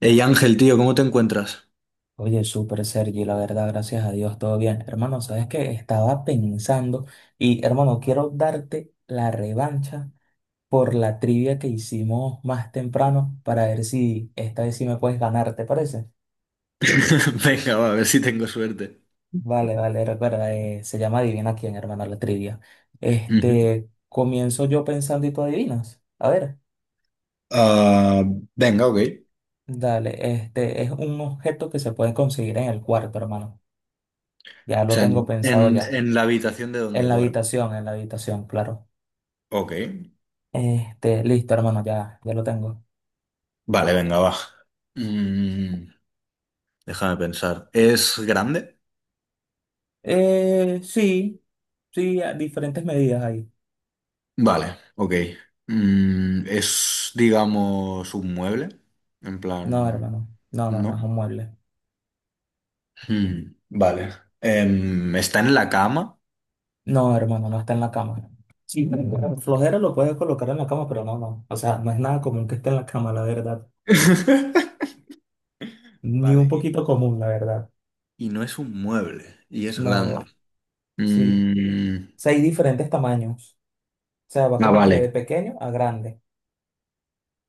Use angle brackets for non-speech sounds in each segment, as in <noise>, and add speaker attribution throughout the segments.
Speaker 1: Ey Ángel, tío, ¿cómo te encuentras?
Speaker 2: Oye, súper Sergi, la verdad, gracias a Dios, todo bien. Hermano, ¿sabes que estaba pensando y, hermano, quiero darte la revancha por la trivia que hicimos más temprano para ver si esta vez sí me puedes ganar? ¿Te parece?
Speaker 1: <laughs> Venga, va, a ver si tengo suerte.
Speaker 2: Vale, vale, recuerda, se llama Adivina quién, hermano, la trivia.
Speaker 1: Ujú.
Speaker 2: Comienzo yo pensando y tú adivinas. A ver,
Speaker 1: Ah, venga, ok. O
Speaker 2: dale, este es un objeto que se puede conseguir en el cuarto, hermano. Ya lo
Speaker 1: sea,
Speaker 2: tengo pensado ya.
Speaker 1: en la habitación de donde duerme.
Speaker 2: En la habitación, claro.
Speaker 1: Ok.
Speaker 2: Listo, hermano, ya lo tengo.
Speaker 1: Vale, venga, va. Mm, déjame pensar. ¿Es grande?
Speaker 2: Sí, sí, a diferentes medidas ahí.
Speaker 1: Vale, ok. Mm, es, digamos, un mueble. En
Speaker 2: No,
Speaker 1: plan,
Speaker 2: hermano, no, no,
Speaker 1: ¿no?
Speaker 2: no es un mueble.
Speaker 1: Mm, vale. Está en la cama.
Speaker 2: No, hermano, no está en la cama. Sí, pero flojera lo puedes colocar en la cama, pero no, no. O sea, no es nada común que esté en la cama, la verdad.
Speaker 1: <laughs>
Speaker 2: Ni un
Speaker 1: Vale.
Speaker 2: poquito común, la verdad.
Speaker 1: Y no es un mueble y es grande.
Speaker 2: No, sí.
Speaker 1: Mm,
Speaker 2: O sea, hay diferentes tamaños. O sea, va
Speaker 1: ah,
Speaker 2: como que de
Speaker 1: vale.
Speaker 2: pequeño a grande.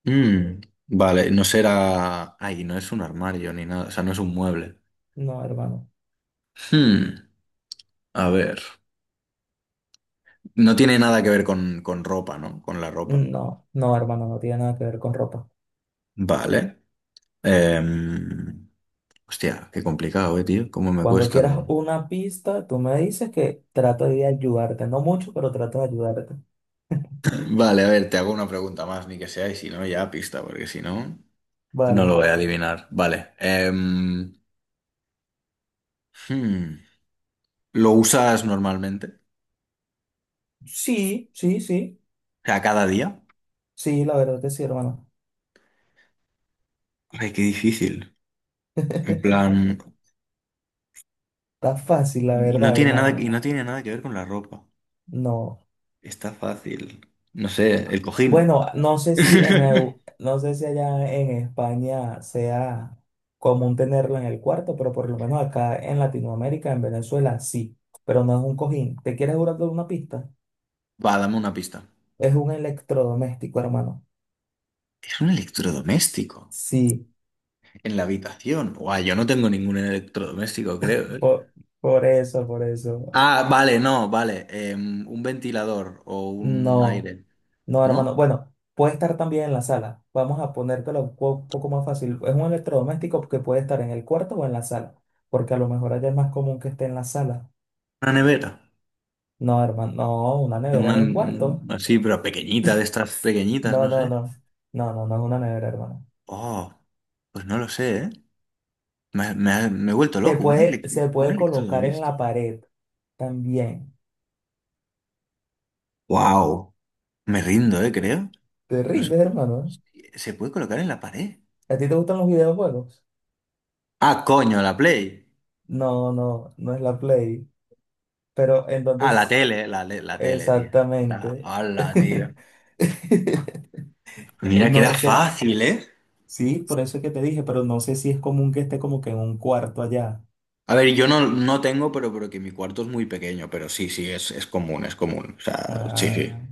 Speaker 1: Mm, vale, no será... Ay, no es un armario ni nada, o sea, no es un mueble.
Speaker 2: No, hermano.
Speaker 1: Hmm, a ver. No tiene nada que ver con ropa, ¿no? Con la ropa.
Speaker 2: No, no, hermano, no tiene nada que ver con ropa.
Speaker 1: Vale. Em, hostia, qué complicado, tío. Cómo me
Speaker 2: Cuando
Speaker 1: cuesta.
Speaker 2: quieras una pista, tú me dices que trato de ayudarte. No mucho, pero trato de ayudarte.
Speaker 1: Vale, a ver, te hago una pregunta más, ni que sea, y si no, ya pista, porque si no, no lo
Speaker 2: Vale.
Speaker 1: voy a adivinar. Vale. Hmm, ¿Lo usas normalmente? O
Speaker 2: Sí, sí, sí.
Speaker 1: sea, cada día.
Speaker 2: Sí, la verdad que sí, hermano.
Speaker 1: Ay, qué difícil.
Speaker 2: <laughs>
Speaker 1: En
Speaker 2: Está
Speaker 1: plan,
Speaker 2: fácil, la
Speaker 1: y no
Speaker 2: verdad,
Speaker 1: tiene nada, que- y
Speaker 2: hermano.
Speaker 1: no tiene nada que ver con la ropa.
Speaker 2: No.
Speaker 1: Está fácil. No sé, el cojín.
Speaker 2: Bueno,
Speaker 1: <laughs>
Speaker 2: no sé si allá en España sea común tenerlo en el cuarto, pero por lo menos acá en Latinoamérica, en Venezuela, sí. Pero no es un cojín. ¿Te quieres jurar de una pista?
Speaker 1: Va, dame una pista.
Speaker 2: Es un electrodoméstico, hermano.
Speaker 1: Es un electrodoméstico.
Speaker 2: Sí,
Speaker 1: En la habitación. Guau, yo no tengo ningún electrodoméstico, creo, ¿eh?
Speaker 2: por, por eso, por eso.
Speaker 1: Ah, vale, no, vale. Em, un ventilador o un
Speaker 2: No,
Speaker 1: aire,
Speaker 2: no,
Speaker 1: ¿no?
Speaker 2: hermano. Bueno, puede estar también en la sala. Vamos a poco más fácil. Es un electrodoméstico que puede estar en el cuarto o en la sala, porque a lo mejor allá es más común que esté en la sala.
Speaker 1: Una nevera.
Speaker 2: No, hermano, no, una nevera
Speaker 1: Una
Speaker 2: en un
Speaker 1: mm,
Speaker 2: cuarto.
Speaker 1: así, pero pequeñita, de estas pequeñitas,
Speaker 2: No,
Speaker 1: no
Speaker 2: no,
Speaker 1: sé.
Speaker 2: no. No, no, no es una nevera, hermano.
Speaker 1: Oh, pues no lo sé, ¿eh? Me he vuelto loco. Un,
Speaker 2: Se
Speaker 1: un
Speaker 2: puede colocar en la
Speaker 1: electrodoméstico.
Speaker 2: pared también.
Speaker 1: Wow. Me rindo, creo.
Speaker 2: Te
Speaker 1: No sé.
Speaker 2: rindes, hermano.
Speaker 1: ¿Se puede colocar en la pared?
Speaker 2: ¿A ti te gustan los videojuegos?
Speaker 1: Ah, coño, la Play.
Speaker 2: No, no, no es la Play. Pero
Speaker 1: Ah, la
Speaker 2: entonces,
Speaker 1: tele, la tele, tío. La,
Speaker 2: exactamente.
Speaker 1: ala, tío.
Speaker 2: <laughs> <laughs>
Speaker 1: Mira que
Speaker 2: No,
Speaker 1: era
Speaker 2: es que
Speaker 1: fácil, ¿eh?
Speaker 2: sí, por eso es que te dije, pero no sé si es común que esté como que en un cuarto allá.
Speaker 1: A ver, yo no, no tengo, pero que mi cuarto es muy pequeño, pero sí, sí, es común, es común. O sea, sí, sí.
Speaker 2: Ah,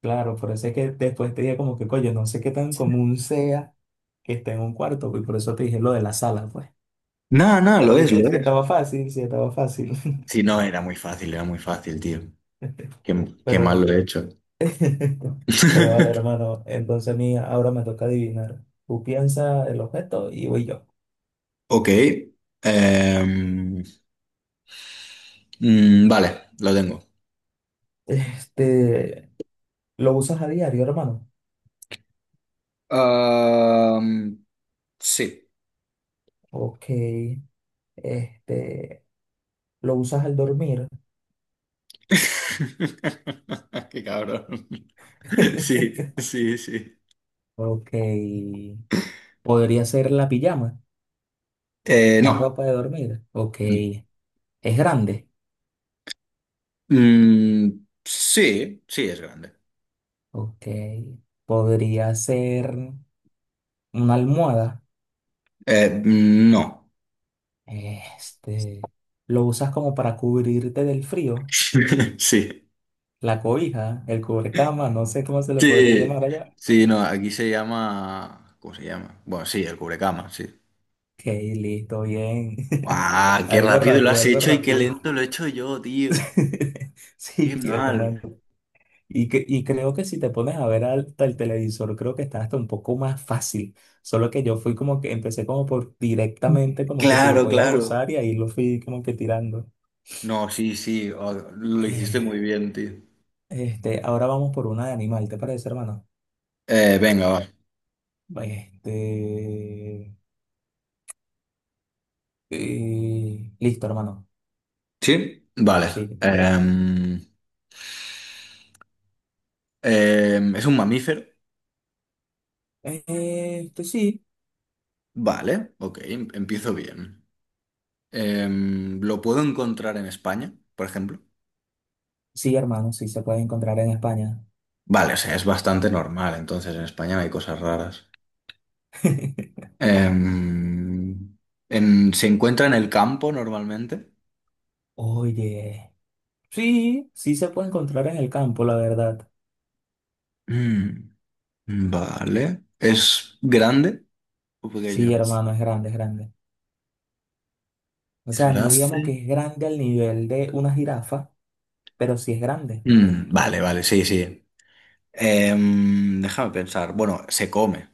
Speaker 2: claro, por eso es que después te dije como que, coño, no sé qué tan común sea que esté en un cuarto, pues, y por eso te dije lo de la sala, pues.
Speaker 1: No, no,
Speaker 2: Pero
Speaker 1: lo es,
Speaker 2: viste,
Speaker 1: lo
Speaker 2: sí
Speaker 1: es.
Speaker 2: estaba fácil, sí estaba fácil.
Speaker 1: Sí, no, era muy fácil, tío.
Speaker 2: <laughs>
Speaker 1: Qué, qué mal lo
Speaker 2: Pero,
Speaker 1: he hecho.
Speaker 2: <laughs> pero vale,
Speaker 1: <laughs>
Speaker 2: hermano, entonces a mí ahora me toca adivinar. Tú piensas el objeto y voy yo.
Speaker 1: Ok. em, vale, lo tengo.
Speaker 2: Este, ¿Lo usas a diario, hermano?
Speaker 1: Am, sí.
Speaker 2: Ok, este, ¿lo usas al dormir?
Speaker 1: <laughs> Qué cabrón.
Speaker 2: <laughs>
Speaker 1: Sí, sí, sí.
Speaker 2: Ok. Podría ser la pijama, la
Speaker 1: No.
Speaker 2: ropa de dormir. Ok. Es grande.
Speaker 1: Mm, sí, sí es grande.
Speaker 2: Ok. Podría ser una almohada.
Speaker 1: No.
Speaker 2: Este. Lo usas como para cubrirte del frío.
Speaker 1: <laughs> Sí.
Speaker 2: La cobija, el cubrecama, no sé cómo se le podría
Speaker 1: Sí,
Speaker 2: llamar allá.
Speaker 1: sí, no, aquí se llama... ¿Cómo se llama? Bueno, sí, el cubrecama, sí.
Speaker 2: Ok, listo, bien. <laughs>
Speaker 1: ¡Ah, qué
Speaker 2: Algo
Speaker 1: rápido lo
Speaker 2: rápido,
Speaker 1: has
Speaker 2: algo
Speaker 1: hecho y qué
Speaker 2: rápido.
Speaker 1: lento lo he hecho yo, tío!
Speaker 2: <laughs>
Speaker 1: ¡Qué
Speaker 2: Sí,
Speaker 1: mal!
Speaker 2: hermano. Y, y creo que si te pones a ver hasta el televisor, creo que está hasta un poco más fácil. Solo que yo fui como que empecé como por directamente, como que si lo
Speaker 1: Claro,
Speaker 2: podías
Speaker 1: claro.
Speaker 2: usar y ahí lo fui como que tirando.
Speaker 1: No, sí, sí, oh, lo hiciste
Speaker 2: Eh,
Speaker 1: muy bien, tío.
Speaker 2: ahora vamos por una de animal, ¿te parece, hermano?
Speaker 1: Venga, va.
Speaker 2: Este, listo, hermano.
Speaker 1: ¿Sí? Vale.
Speaker 2: Sí.
Speaker 1: Em, ¿Es un mamífero?
Speaker 2: Sí.
Speaker 1: Vale, ok, empiezo bien. ¿Lo puedo encontrar en España, por ejemplo?
Speaker 2: Sí, hermano, sí se puede encontrar en España.
Speaker 1: Vale, o sea, es bastante normal, entonces en España no hay cosas raras.
Speaker 2: <laughs>
Speaker 1: Em, ¿Se encuentra en el campo normalmente?
Speaker 2: Oye, sí, sí se puede encontrar en el campo, la verdad.
Speaker 1: Mm, vale. ¿Es grande o
Speaker 2: Sí,
Speaker 1: pequeño?
Speaker 2: hermano, es grande, es grande. O
Speaker 1: Es
Speaker 2: sea, no digamos que
Speaker 1: grande.
Speaker 2: es grande al nivel de una jirafa, pero sí es grande.
Speaker 1: Mm, vale, vale, sí, sí. Em, déjame pensar. Bueno, se come,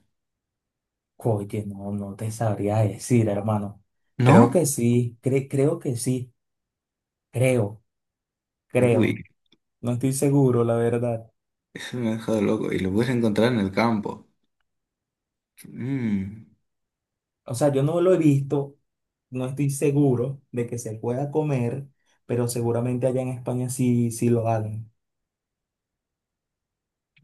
Speaker 2: Oye, no, no te sabría decir, hermano. Creo
Speaker 1: ¿no?
Speaker 2: que sí, creo que sí, creo,
Speaker 1: Uy.
Speaker 2: creo. No estoy seguro, la verdad.
Speaker 1: Eso me ha dejado loco. Y lo puedes encontrar en el campo. Mm.
Speaker 2: O sea, yo no lo he visto, no estoy seguro de que se pueda comer, pero seguramente allá en España sí, sí lo hagan.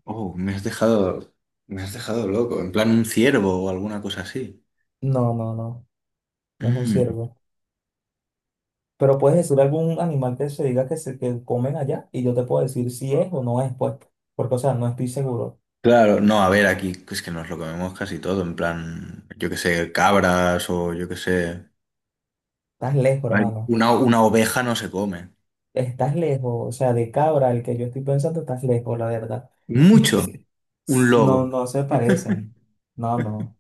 Speaker 1: Oh, me has dejado loco. En plan un ciervo o alguna cosa así.
Speaker 2: No, no, no, no es un
Speaker 1: Mm.
Speaker 2: ciervo. Pero puedes decir algún animal que se diga que comen allá y yo te puedo decir si es o no es, pues, porque, o sea, no estoy seguro.
Speaker 1: Claro, no, a ver, aquí es que nos lo comemos casi todo. En plan, yo qué sé, cabras o yo qué sé.
Speaker 2: Estás lejos,
Speaker 1: A ver,
Speaker 2: hermano.
Speaker 1: Una oveja no se come.
Speaker 2: Estás lejos. O sea, de Cabra, el que yo estoy pensando, estás lejos, la verdad.
Speaker 1: Mucho.
Speaker 2: <laughs>
Speaker 1: Un
Speaker 2: No,
Speaker 1: lobo.
Speaker 2: no se parecen. No, no.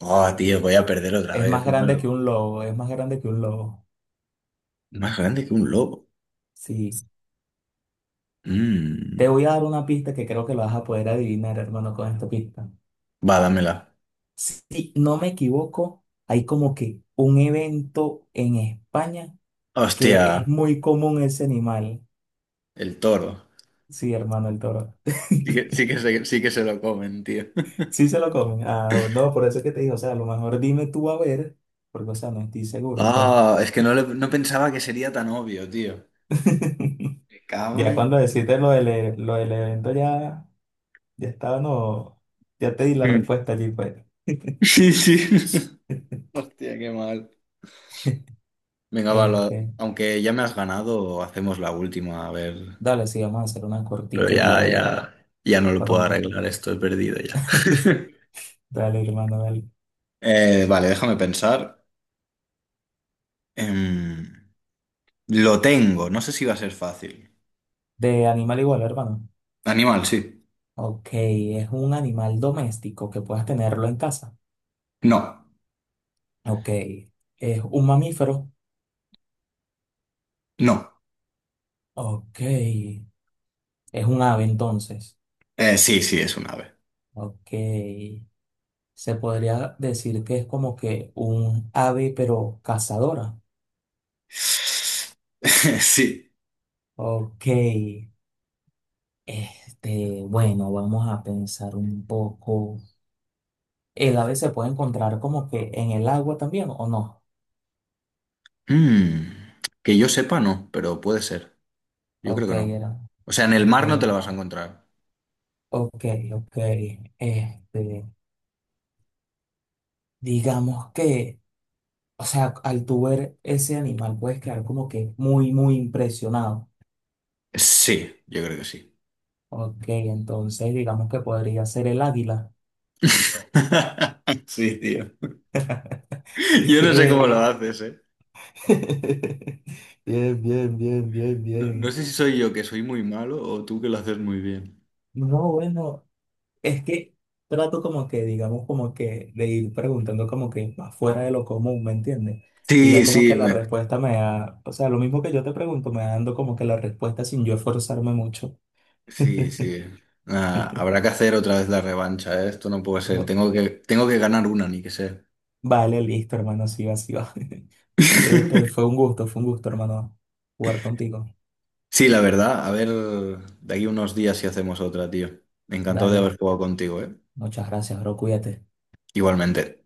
Speaker 1: Oh, tío, voy a perder otra
Speaker 2: Es
Speaker 1: vez.
Speaker 2: más grande
Speaker 1: Bueno,
Speaker 2: que un lobo, es más grande que un lobo.
Speaker 1: más grande que un lobo.
Speaker 2: Sí. Te
Speaker 1: Mm.
Speaker 2: voy a dar una pista que creo que lo vas a poder adivinar, hermano, con esta pista.
Speaker 1: Va, dámela.
Speaker 2: Si no me equivoco, hay como que un evento en España que
Speaker 1: Hostia,
Speaker 2: es muy común ese animal.
Speaker 1: el toro.
Speaker 2: Sí, hermano, el toro. <laughs>
Speaker 1: Sí que se lo comen, tío.
Speaker 2: Sí se
Speaker 1: <laughs>
Speaker 2: lo comen. Ah, no, por eso es que te digo, o sea, a lo mejor dime tú a ver, porque, o sea, no estoy seguro, pues.
Speaker 1: Ah, es que no, no pensaba que sería tan obvio, tío.
Speaker 2: <laughs>
Speaker 1: Me cago
Speaker 2: Ya
Speaker 1: en-
Speaker 2: cuando deciste lo del evento, ya, ya estaba, no, ya te di la
Speaker 1: Mm.
Speaker 2: respuesta allí, pues.
Speaker 1: <laughs> Sí, sí. <laughs>
Speaker 2: <laughs>
Speaker 1: Hostia, qué mal. Venga, va,
Speaker 2: Este,
Speaker 1: aunque ya me has ganado, hacemos la última, a ver.
Speaker 2: dale, sí, vamos a hacer una
Speaker 1: Pero
Speaker 2: cortica allí, a
Speaker 1: ya,
Speaker 2: ver,
Speaker 1: ya, ya no lo
Speaker 2: por lo
Speaker 1: puedo
Speaker 2: menos.
Speaker 1: arreglar, esto he perdido ya.
Speaker 2: <laughs>
Speaker 1: <laughs>
Speaker 2: Dale, hermano, dale.
Speaker 1: Vale, déjame pensar. Em, lo tengo, no sé si va a ser fácil.
Speaker 2: De animal igual, hermano.
Speaker 1: Animal, sí.
Speaker 2: Ok, es un animal doméstico que puedas tenerlo en casa.
Speaker 1: No,
Speaker 2: Ok, es un mamífero.
Speaker 1: no.
Speaker 2: Ok, es un ave entonces.
Speaker 1: Sí, sí, es un ave.
Speaker 2: Ok. Se podría decir que es como que un ave, pero cazadora.
Speaker 1: <laughs> Sí.
Speaker 2: Ok. Bueno, vamos a pensar un poco. ¿El ave se puede encontrar como que en el agua también o no?
Speaker 1: Mm, que yo sepa, no, pero puede ser. Yo creo
Speaker 2: Ok,
Speaker 1: que no.
Speaker 2: era.
Speaker 1: O sea, en el
Speaker 2: Ok,
Speaker 1: mar no te la vas a
Speaker 2: ok.
Speaker 1: encontrar.
Speaker 2: Ok, ok. Este, digamos que, o sea, al tú ver ese animal puedes quedar como que muy, muy impresionado.
Speaker 1: Sí, yo creo que sí.
Speaker 2: Ok, entonces digamos que podría ser el águila.
Speaker 1: <laughs> Sí, tío. Yo no sé cómo lo
Speaker 2: Bien.
Speaker 1: haces, ¿eh?
Speaker 2: <laughs> Bien, bien, bien, bien,
Speaker 1: No, no
Speaker 2: bien.
Speaker 1: sé si soy yo que soy muy malo o tú que lo haces muy bien.
Speaker 2: No, bueno, es que trato como que, digamos, como que de ir preguntando como que más fuera de lo común, ¿me entiendes? Y ya
Speaker 1: Sí,
Speaker 2: como
Speaker 1: sí,
Speaker 2: que la
Speaker 1: me-
Speaker 2: respuesta me da, o sea, lo mismo que yo te pregunto, me dando como que la respuesta sin yo esforzarme mucho.
Speaker 1: sí, sí.
Speaker 2: <laughs>
Speaker 1: Ah, habrá que hacer otra vez la revancha, ¿eh? Esto no puede ser.
Speaker 2: Va-
Speaker 1: Tengo que ganar una, ni que sea.
Speaker 2: Vale, listo, hermano, así va, así va. <laughs>
Speaker 1: <laughs>
Speaker 2: Fue un gusto, hermano, jugar contigo.
Speaker 1: Sí, la verdad. A ver, de aquí unos días si hacemos otra, tío. Encantado de
Speaker 2: Dale,
Speaker 1: haber jugado contigo, ¿eh?
Speaker 2: muchas gracias, bro, cuídate.
Speaker 1: Igualmente.